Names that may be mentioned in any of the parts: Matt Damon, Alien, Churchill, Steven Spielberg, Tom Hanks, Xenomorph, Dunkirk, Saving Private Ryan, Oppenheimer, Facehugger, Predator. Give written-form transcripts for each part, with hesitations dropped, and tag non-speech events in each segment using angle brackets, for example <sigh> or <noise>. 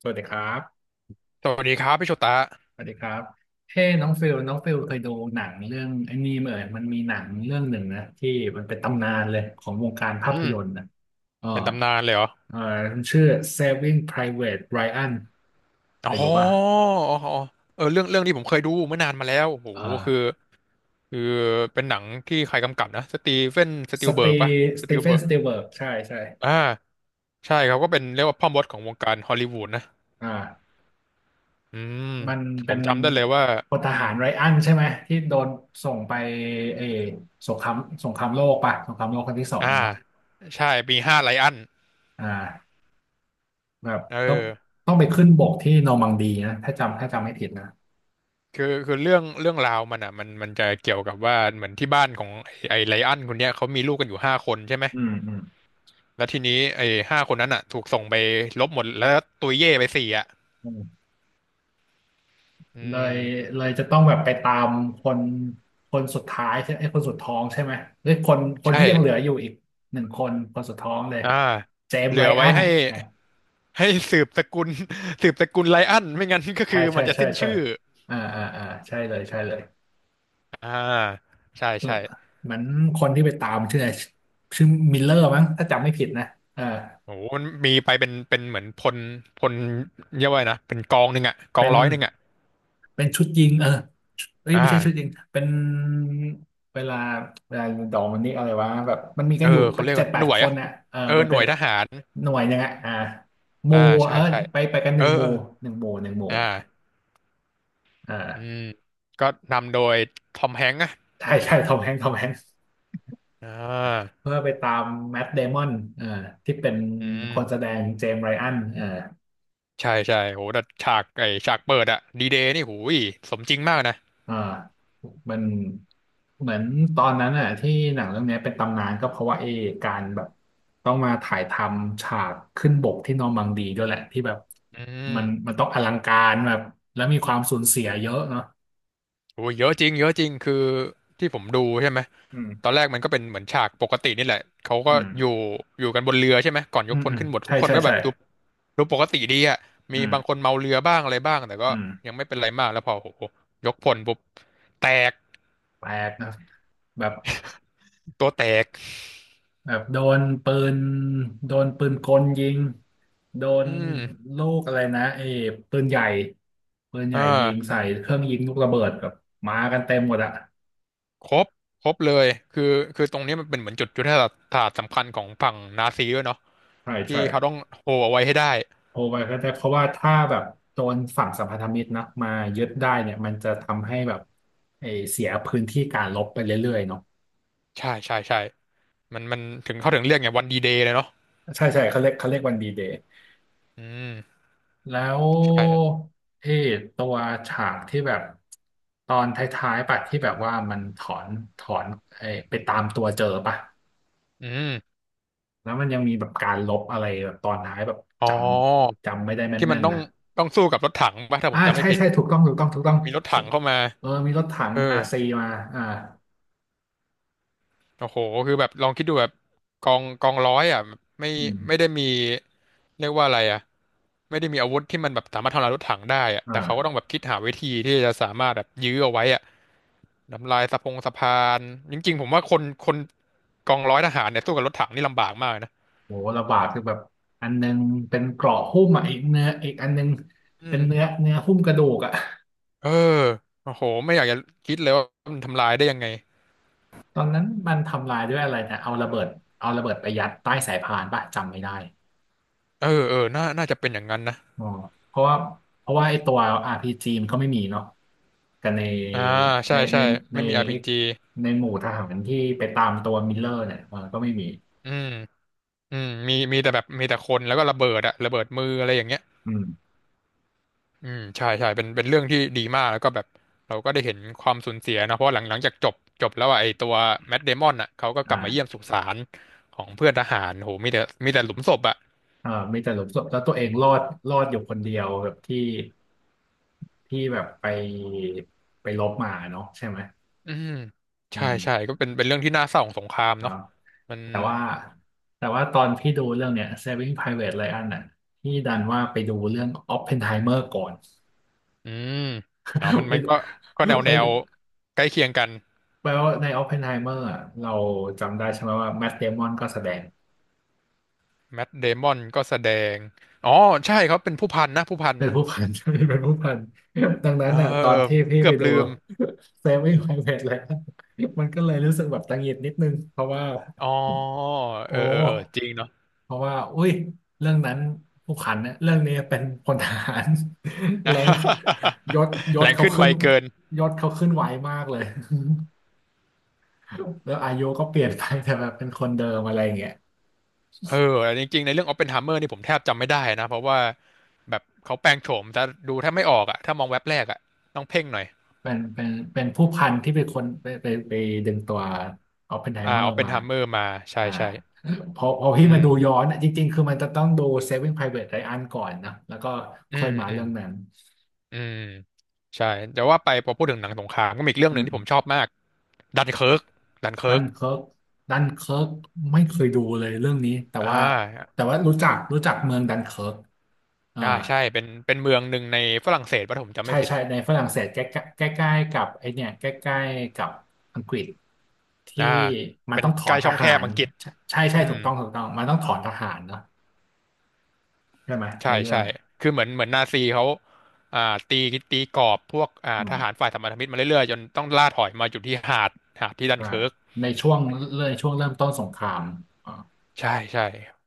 สวัสดีครับ สวัสดีครับพี่โชตะสวัสดีครับ เฮ้น้องฟิลน้องฟิลเคยดูหนังเรื่องไอ้นี่ไหมเอ่ยมันมีหนังเรื่องหนึ่งนะที่มันเป็นตำนานเลยของวงการภาพอืมยนตร์นะเออเป็นตำนานเลยเหรอเออมันชื่อ Saving Private Ryan เคอ๋อยดูป่ะอ๋ออ๋อเออเรื่องนี้ผมเคยดูเมื่อนานมาแล้วโอ้โหอ่คือาคือเป็นหนังที่ใครกำกับนะ สตีเฟนสตีสลเบิตีร์กปะสสตีตีลเฟเบินร์กสตีเวิร์ใช่ใช่อ่าใช่ครับก็เป็นเรียกว่าพ่อมดของวงการฮอลลีวูดนะอ่าอืมมันผเป็มนจำได้เลยว่าพลทอืมอหารไรอันใช่ไหมที่โดนส่งไปเออสงครามสงครามโลกป่ะสงครามโลกครั้งที่สองอ่าเนาะใช่ปีห้าไลออนอ่า แบบเออต้องต้องไปขึ้นบกที่นอร์มังดีนะถ้าจำถ้าจำไม่ผิดนะคือเรื่องราวมันอ่ะมันจะเกี่ยวกับว่าเหมือนที่บ้านของไอ้ไลออนคนเนี้ยเขามีลูกกันอยู่ห้าคนใช่ไหม อืมอืมแล้วทีนี้ไอ้ห้าคนนั้นอ่ะถูกส่งไปลบหมดแล้วตุยเย่ไปสี่อ่ะอืมอืเลมยเลยจะต้องแบบไปตามคนคนสุดท้ายใช่ไอ้ยคนสุดท้องใช่ไหมหรือคนคนใช่ที่ยังเหลืออยู่อีกหนึ่งคนคนสุดท้องเลยอ่าเจมเหส์ลืไรอไว้อันให้อ่าให้สืบสกุล <laughs> สืบสกุลไลอันไม่งั้น <laughs> ก็ใช่คือมัใช่นจะใช่สิ้นใช่ชื่ออ่าอ่าอ่าใช่เลยใช่เลยอ่าใช่เออใช่เหมือนคนที่ไปตามชื่ออะไรชื่อมิลเลอร์มั้งถ้าจำไม่ผิดนะเออโอ้โหมันมีไปเป็นเหมือนพลเรียกว่าไงนะเป็นกองหนึ่งอ่ะกองเป็นร้อยหนึ่งอ่ะเป็นชุดยิงเออ เอ้ยอ่าไม่ใช่ชุดจริง เป็นเวลาเวลาดองมันนี่อะไรวะแบบมันมีเอกันออยู่เขาเรียกเจ็ว่าดแปหดน่วคยนอ่ะน่ะเออเออมันหน่เป็วนยทหารหน่วยยังไงอ่าหมู่อ่าเอใช่อใช่ไปไปกันหเออนึ่งหเอมู่อหนึ่งหมู่หนึ่งหมู่อ่าออืม่าก็นำโดยทอมแฮงค์อ่ะใช่ใช่ทอมแฮงค์ทอมแฮงค์อ่าเพื่อไปตามแมทเดมอนเออที่เป็นอืคนแสม ดงเจมส์ไรอันเออ ใช่ใช่โหแต่ฉากเปิดอะดีเดย์นี่หูยสมจริงมากนะอ่ามันเหมือนตอนนั้นอ่ะที่หนังเรื่องเนี้ยเป็นตำนานก็เพราะว่าเอการแบบต้องมาถ่ายทำฉากขึ้นบกที่นอร์มังดีด้วยแหละที่แบบอืมัมนมันต้องอลังการแบบแล้วมีความสูญเสียเยอะเนาะโอ้ยเยอะจริงเยอะจริงคือที่ผมดูใช่ไหมอืตอมนแรกมันก็เป็นเหมือนฉากปกตินี่แหละเขาอืก็อยู่มอยู่กันบนเรือใช่ไหมก่อนยอืกมพลอืมขึ้นหมดทุใช่กคนใช่ก็แบใช่บดูปกติดีอะอืมีมบางคนเมาเรือบ้างอะไรบ้างแต่ก็อืมยังไม่เป็นไรมากแล้วพอโอ้โหยกพลปุ๊บแตกแปลกนะแบบ ตัวแตกแบบโดนปืนโดนปืนกลยิงโดอืนมลูกอะไรนะเอ้ปืนใหญ่ปืนใหอ่ญ่ยิงาใส่เครื่องยิงลูกระเบิดแบบมากันเต็มหมดอะครบครบเลยคือคือตรงนี้มันเป็นเหมือนจุดยุทธศาสตร์สำคัญของฝั่งนาซีด้วยเนาะ ใช่ที่ใช่เขาต้องโฮเอาไว้ให้ได้โทรไปก็ได้เพราะว่าถ้าแบบโดนฝั่งสัมพันธมิตรนะมายึดได้เนี่ยมันจะทำให้แบบเอ้เสียพื้นที่การรบไปเรื่อยๆเนาะใช่ใช่ใช่มันถึงเขาถึงเรียกไงวันดีเดย์เลยเนาะใช่ใช่เขาเรียกเขาเรียกวันดีเดย์ อืมแล้วใช่เอตัวฉากที่แบบตอนท้ายๆปะที่แบบว่ามันถอนถอนไอไปตามตัวเจอปะอืมแล้วมันยังมีแบบการลบอะไรแบบตอนท้ายแบบอ๋อจำจำไม่ได้ที่มัแม่นนต้อๆงนะต้องสู้กับรถถังป่ะถ้าผอ่ามจำไม่ใช่ผิดใช่ถูกต้องถูกต้องถูกต้องมีรถถังเข้ามาเออมีรถถังเออนาซีมาอ่าโอ้โหคือแบบลองคิดดูแบบกองร้อยอ่ะแบบไม่อืไม่ได้มมีเรียกว่าอะไรอ่ะไม่ได้มีอาวุธที่มันแบบสามารถทำลายรถถังได้อ่ะแต่เขาก็ต้อ่าองแบบคิดหาวิธีที่จะสามารถแบบยื้อเอาไว้อ่ะ ทำลายสะพงสะพานจริงๆผมว่าคนกองร้อยทหารเนี่ยสู้กับรถถังนี่ลำบากมากนะโหระบาดคือแบบอันนึงเป็นเกราะหุ้มอ่ะอีกเนื้ออีกอันนึงอืเป็นมเนื้อเนื้อหุ้มกระดูกอ่ะ เออโอ้โหไม่อยากจะคิดเลยว่ามันทำลายได้ยังไงตอนนั้นมันทำลายด้วยอะไรนะเอาระเบิดเอาระเบิดไปยัดใต้สายพานป่ะจำไม่ได้เออเออน่าจะเป็นอย่างนั้นนะอ๋อเพราะว่าเพราะว่าไอ้ตัว RPG มันก็ไม่มีเนาะกันในอ่าใช่ในใช่ในในไม่มี ไอ้ RPG ในหมู่ทหารที่ไปตามตัวมิลเลอร์เนี่ยเออก็ไม่มีอืมอืมมีแต่แบบมีแต่คนแล้วก็ระเบิดอะระเบิดมืออะไรอย่างเงี้ยอืมอืมใช่ใช่เป็นเรื่องที่ดีมากแล้วก็แบบเราก็ได้เห็นความสูญเสียนะเพราะหลังจากจบแล้วอะไอตัวแมทเดมอนอะเขาก็กลับมาเยี่อ่ายมสุสานของเพื่อนทหารโหมีแต่หลุมศพอะ เออมีแต่หลุมศพแล้วตัวเองรอดรอดอยู่คนเดียวแบบที่ที่แบบไปไปลบมาเนาะใช่ไหมอืมอืใช่ใช่มก็เป็นเรื่องที่น่าเศร้าของสงครามครัเนาะบ มันแต่ว่าแต่ว่าตอนพี่ดูเรื่องเนี้ย Saving Private Ryan น่ะพี่ดันว่าไปดูเรื่อง Oppenheimer ก่อน อืมอ๋อะมัน <laughs> ไมมันก็ก็แน่วแนไม่วใกล้เคียงกันแปลว่าใน Oppenheimer อะเราจำได้ใช่ไหมว่า Matt Damon ก็แสดงแมทเดมอนก็แสดงอ๋อใช่เขาเป็นผู้พันนะผู้พันเป็นผู้พัน <laughs> เป็นผู้พันดังนั้เออนน่ะตอเออนที่ผมพี่เกือไปบดู ลืม <laughs> Saving Private Ryan มันก็เลยรู้สึกแบบตังหงิดนิดนึงเพราะว่าอ๋อเอโอ้ อเออเออจริงเนาะ เพราะว่าอุ้ยเรื่องนั้นผู้ขันเนี่ยเรื่องนี้เป็นพลทหาร <laughs> แรงขึ้นยศย <laughs> แรศงเขาขึ้นไวขึ้นเกินยศเขาขึ้นไวมากเลย <laughs> แล้วอายุก็เปลี่ยนไปแต่แบบเป็นคนเดิมอะไรอย่างเงี้ยเออจริงๆในเรื่องอ p ปเพนไฮเมอร์นี่ผมแทบจำไม่ได้นะเพราะว่าแบบเขาแปลงโฉมจะดูแทบไม่ออกอะถ้ามองแว็บแรกอะต้องเพ่งหน่อยเป็นเป็นเป็นผู้พันที่เป็นคนไปไปไปดึงตัวออปเพนไฮอ่าเมอออปร์เพนมาไฮเมอร์มาใช่อ่าใช่พอพออืพี่มาดูย้อม นอะจริงๆคือมันจะต้องดู Saving Private Ryan ก่อนนะแล้วก็อืค่อยมมาอืเรื่มองนั้นอืมใช่แต่ว่าไปพอพูดถึงหนังสงครามก็มีอีกเรื่องหอืนึ่งที่ผมชอม บมากดันเคิร์กดันดัเคิร์กนเคิร์กดันเคิร์กไม่เคยดูเลยเรื่องนี้แต่อ่ว่าาแต่ว่ารู้จักรู้จักเมืองดันเคิร์กอ่าอ่าใช่เป็นเมืองหนึ่งในฝรั่งเศสป่ะถ้าผมจำใช่ไม่ผิดใช่ในฝรั่งเศสใกล้ใกล้ใกล้ๆกับไอเนี่ยใกล้ๆกับอังกฤษที่อ่ามันเป็นต้องถอใกล้นทช่องแคหาบรอังกฤษใช่ใช่อืถูมกต้องถูกต้องมันต้องถอนทหารเนาะใช่ไหมในใช่เรื่อใช่งคือเหมือนนาซีเขาอ่าตีตีกรอบพวกอ่าอืทหารมฝ่ายสัมพันธมิตรมาเรื่อยๆจนต้องล่าถอยมาอยู่ที่หาดที่ดันใช่เคิร์ก ในช่วงเรช่วงเริ่มต้นสงครามอ่าใช่ใช่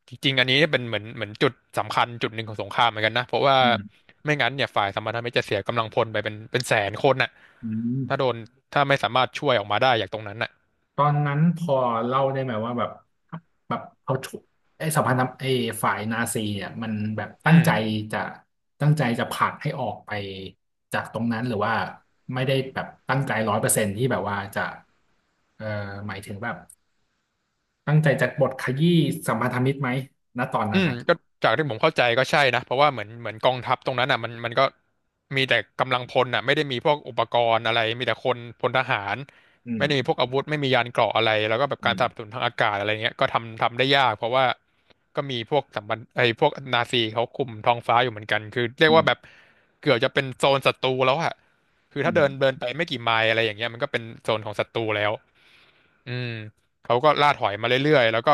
จริงๆอันนี้เป็นเหมือนจุดสำคัญจุดหนึ่งของสงครามเหมือนกันนะเพราะว่าอืมไม่งั้นเนี่ยฝ่ายสัมพันธมิตรจะเสียกำลังพลไปเป็นแสนคนน่ะอืถ้าโดม นถ้าไม่สามารถช่วยออกมาได้จากตรงนั้นน่ะตอนนั้นพอเล่าได้ไหมว่าแบบแบบเอาชุไอ้สภานับไอ้ฝ่ายนาซีเนี่ยมันแบบอืตั้งใจม จะตั้งใจจะผลักให้ออกไปจากตรงนั้นหรือว่าไม่ได้แบบตั้งใจ100%ที่แบบว่าจะเอ่อหมายถึงแบบตั้งใจจะบทขยี้สัมพันธมิตรไหมณตอนอืนั้นมนะก็จากที่ผมเข้าใจก็ใช่นะเพราะว่าเหมือนกองทัพตรงนั้นอ่ะมันก็มีแต่กำลังพลอ่ะไม่ได้มีพวกอุปกรณ์อะไรมีแต่คนพลทหารอืไม่ได้มีพมวกอาวุธไม่มียานเกราะอะไรแล้วก็แบบอืการสนับสมนุนทางอากาศอะไรเงี้ยก็ทำได้ยากเพราะว่าก็มีพวกสัมบันไอ้พวกนาซีเขาคุมท้องฟ้าอยู่เหมือนกันคือเรียกอืว่าแบบมเกือบจะเป็นโซนศัตรูแล้วอ่ะคืออืถ้าเดินมเดินไปไม่กี่ไมล์อะไรอย่างเงี้ยมันก็เป็นโซนของศัตรูแล้ว อืมเขาก็ล่าถอยมาเรื่อยๆแล้วก็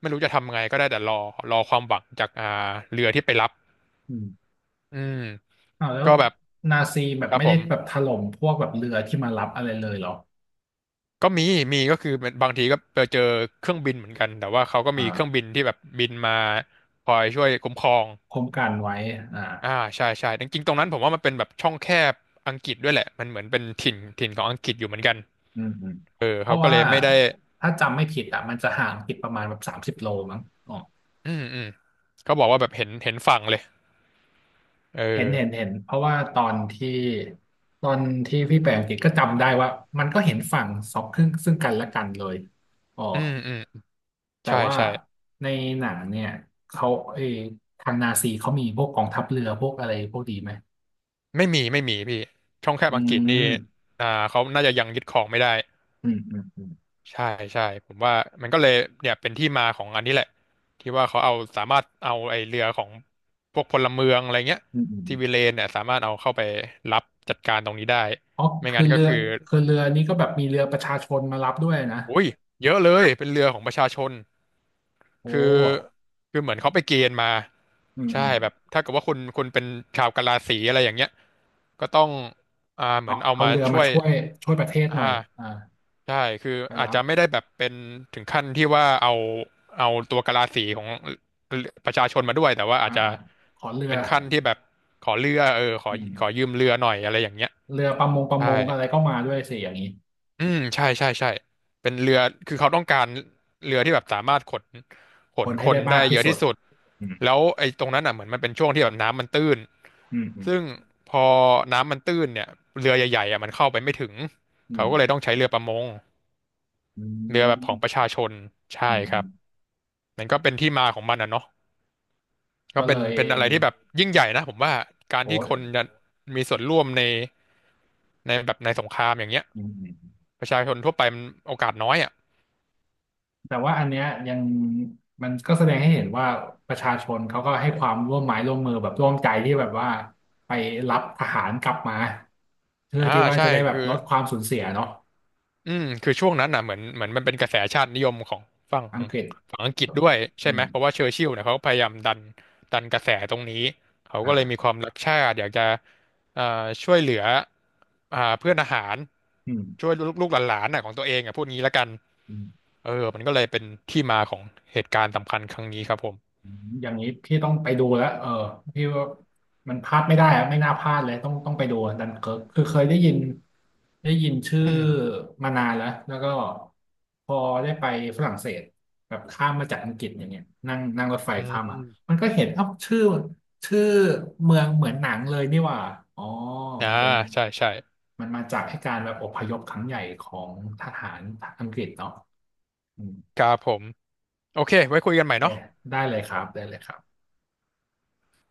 ไม่รู้จะทำไงก็ได้แต่รอรอความหวังจากเรือที่ไปรับอืมอืมอ้าวแล้วก็แบบนาซีแบคบรับไม่ผได้มแบบถล่มพวกแบบเรือที่มารับอะไรเลยเหรอก็มีมีก็คือเป็นบางทีก็ไปเจอเครื่องบินเหมือนกันแต่ว่าเขาก็มีเครื่องบิอ่านที่แบบบินมาคอยช่วยคุ้มครองคุ้มกันไว้อ่า อ่าใช่ใช่จริงๆตรงนั้นผมว่ามันเป็นแบบช่องแคบอังกฤษด้วยแหละมันเหมือนเป็นถิ่นของอังกฤษอยู่เหมือนกันอืมอืมเออเพเขาราะก็เลว่ายไม่ได้ถ้าจำไม่ผิดอ่ะมันจะห่างผิดประมาณแบบ30 โลมั้งอ๋ออืมอืมเขาบอกว่าแบบเห็นเห็นฝั่งเลยเอเห็นอเห็นเห็นเพราะว่าตอนที่ตอนที่พี่ไปอังกฤษก็จำได้ว่ามันก็เห็นฝั่งสองครึ่งซึ่งกันและกันเลยอ๋ออืมอืมแต่ใช่ว่าใช่ ในหนังเนี่ยเขาเออทางนาซีเขามีพวกกองทัพเรือพวกอะไรพวกดีไหมไม่มีไม่มีพี่ช่องแคบอือังกฤษนี่มอ่าเขาน่าจะยังยึดครองไม่ได้อืมอืมอืมใช่ใช่ผมว่ามันก็เลยเนี่ยเป็นที่มาของอันนี้แหละที่ว่าเขาเอาสามารถเอาไอเรือของพวกพลเมืองอะไรเงี้ยอืมอืมซีวิเลนเนี่ยสามารถเอาเข้าไปรับจัดการตรงนี้ได้เพราะไม่คืงั้อนก็เรือคือคือเรือนี้ก็แบบมีเรือประชาชนมารับด้วยนะอุ้ยเยอะเลยเป็นเรือของประชาชน โอคือ้คือเหมือนเขาไปเกณฑ์มาอืมใช่อืม แบบถ้าเกิดว่าคุณเป็นชาวกะลาสีอะไรอย่างเงี้ยก็ต้องอ่าเหมืเอาอนเอาเอามาเรือช่มาวยช่วยช่วยประเทศหน่ออ่ายอ่าใช่คือไปอาจรับจะไม่ได้แบบเป็นถึงขั้นที่ว่าเอาเอาตัวกะลาสีของประชาชนมาด้วยแต่ว่าอาอ่าจจะอ่าขอเรือเป็นขั้นที่แบบขอเรือเออขออืขอยืมมเรือหน่อยอะไรอย่างเงี้ยเรือประมงประใช่ มงอะไรก็มาด้วยสิอย่างนี้อืมใช่ใช่ใช่เป็นเรือคือเขาต้องการเรือที่แบบสามารถขนขคนนคให้ได้นได้มากเยที่อะสุที่ดสุดอืมแล้วไอ้ตรงนั้นอ่ะเหมือนมันเป็นช่วงที่แบบน้ำมันตื้นอืมอืมซึ่งพอน้ำมันตื้นเนี่ยเรือใหญ่ๆอ่ะมันเข้าไปไม่ถึงอืเขาก็เลยต้มองใช้เรือประมงอืเรือแบบของมประชาชนใช่อืมคอืรับมมันก็เป็นที่มาของมันอ่ะเนาะก็ก็เป็เลนยเป็นอะไรที่แบบยิ่งใหญ่นะผมว่าการที่โอ้ยคนจะมีส่วนร่วมในในแบบในสงครามอย่างเงี้ยอืมอืมประชาชนทั่วไปมันโอกาสน้อยอ่ะแต่ว่าอันเนี้ยยังมันก็แสดงให้เห็นว่าประชาชนเขาก็ให้ความร่วมไม้ร่วมมือแบบร่วมใจที่แบบว่าไปรับทหารกลับมาเพื่ออ่าที่ว่าใช่จะได้แบบคือ ลดความสูญเสียเนาะอืมคือช่วงนั้นน่ะเหมือนมันเป็นกระแสชาตินิยมของฝั่งอังกฤษฝั่งอังกฤษด้วยใช่อืไหมมเพราะว่าเชอร์ชิลล์เนี่ยเขาก็พยายามดันกระแสตรงนี้เขาก็เลยมีอ่า ความรักชาติอยากจะเอ่อช่วยเหลืออ่าเพื่อนทหารอืมช่วยลูกลูกหลานๆน่ะของตัวเองอ่ะพูดงี้ละกันอืมเออมันก็เลยเป็นที่มาของเหตุการณ์สำคัญครั้งนี้ครับผมอืมอย่างนี้พี่ต้องไปดูแล้วเออพี่ว่ามันพลาดไม่ได้อะไม่น่าพลาดเลยต้องต้องไปดูดันเคิร์กคือเคยได้ยินได้ยินชื่ออืมมานานแล้วแล้วก็พอได้ไปฝรั่งเศสแบบข้ามมาจากอังกฤษอย่างเงี้ยนั่งนั่งรถไฟอืข้ามอ่ะมมันก็เห็นเอ้าชื่อชื่อเมืองเหมือนหนังเลยนี่หว่าอ๋ออ่ามันเป็นใช่ใช่มันมาจากให้การแบบอพยพครั้งใหญ่ของทหารอังกฤษเนาะอืมครับผมโอเคไว้คุยกันใหม่เนาะเอ๊ะได้เลยครับได้เลยครับ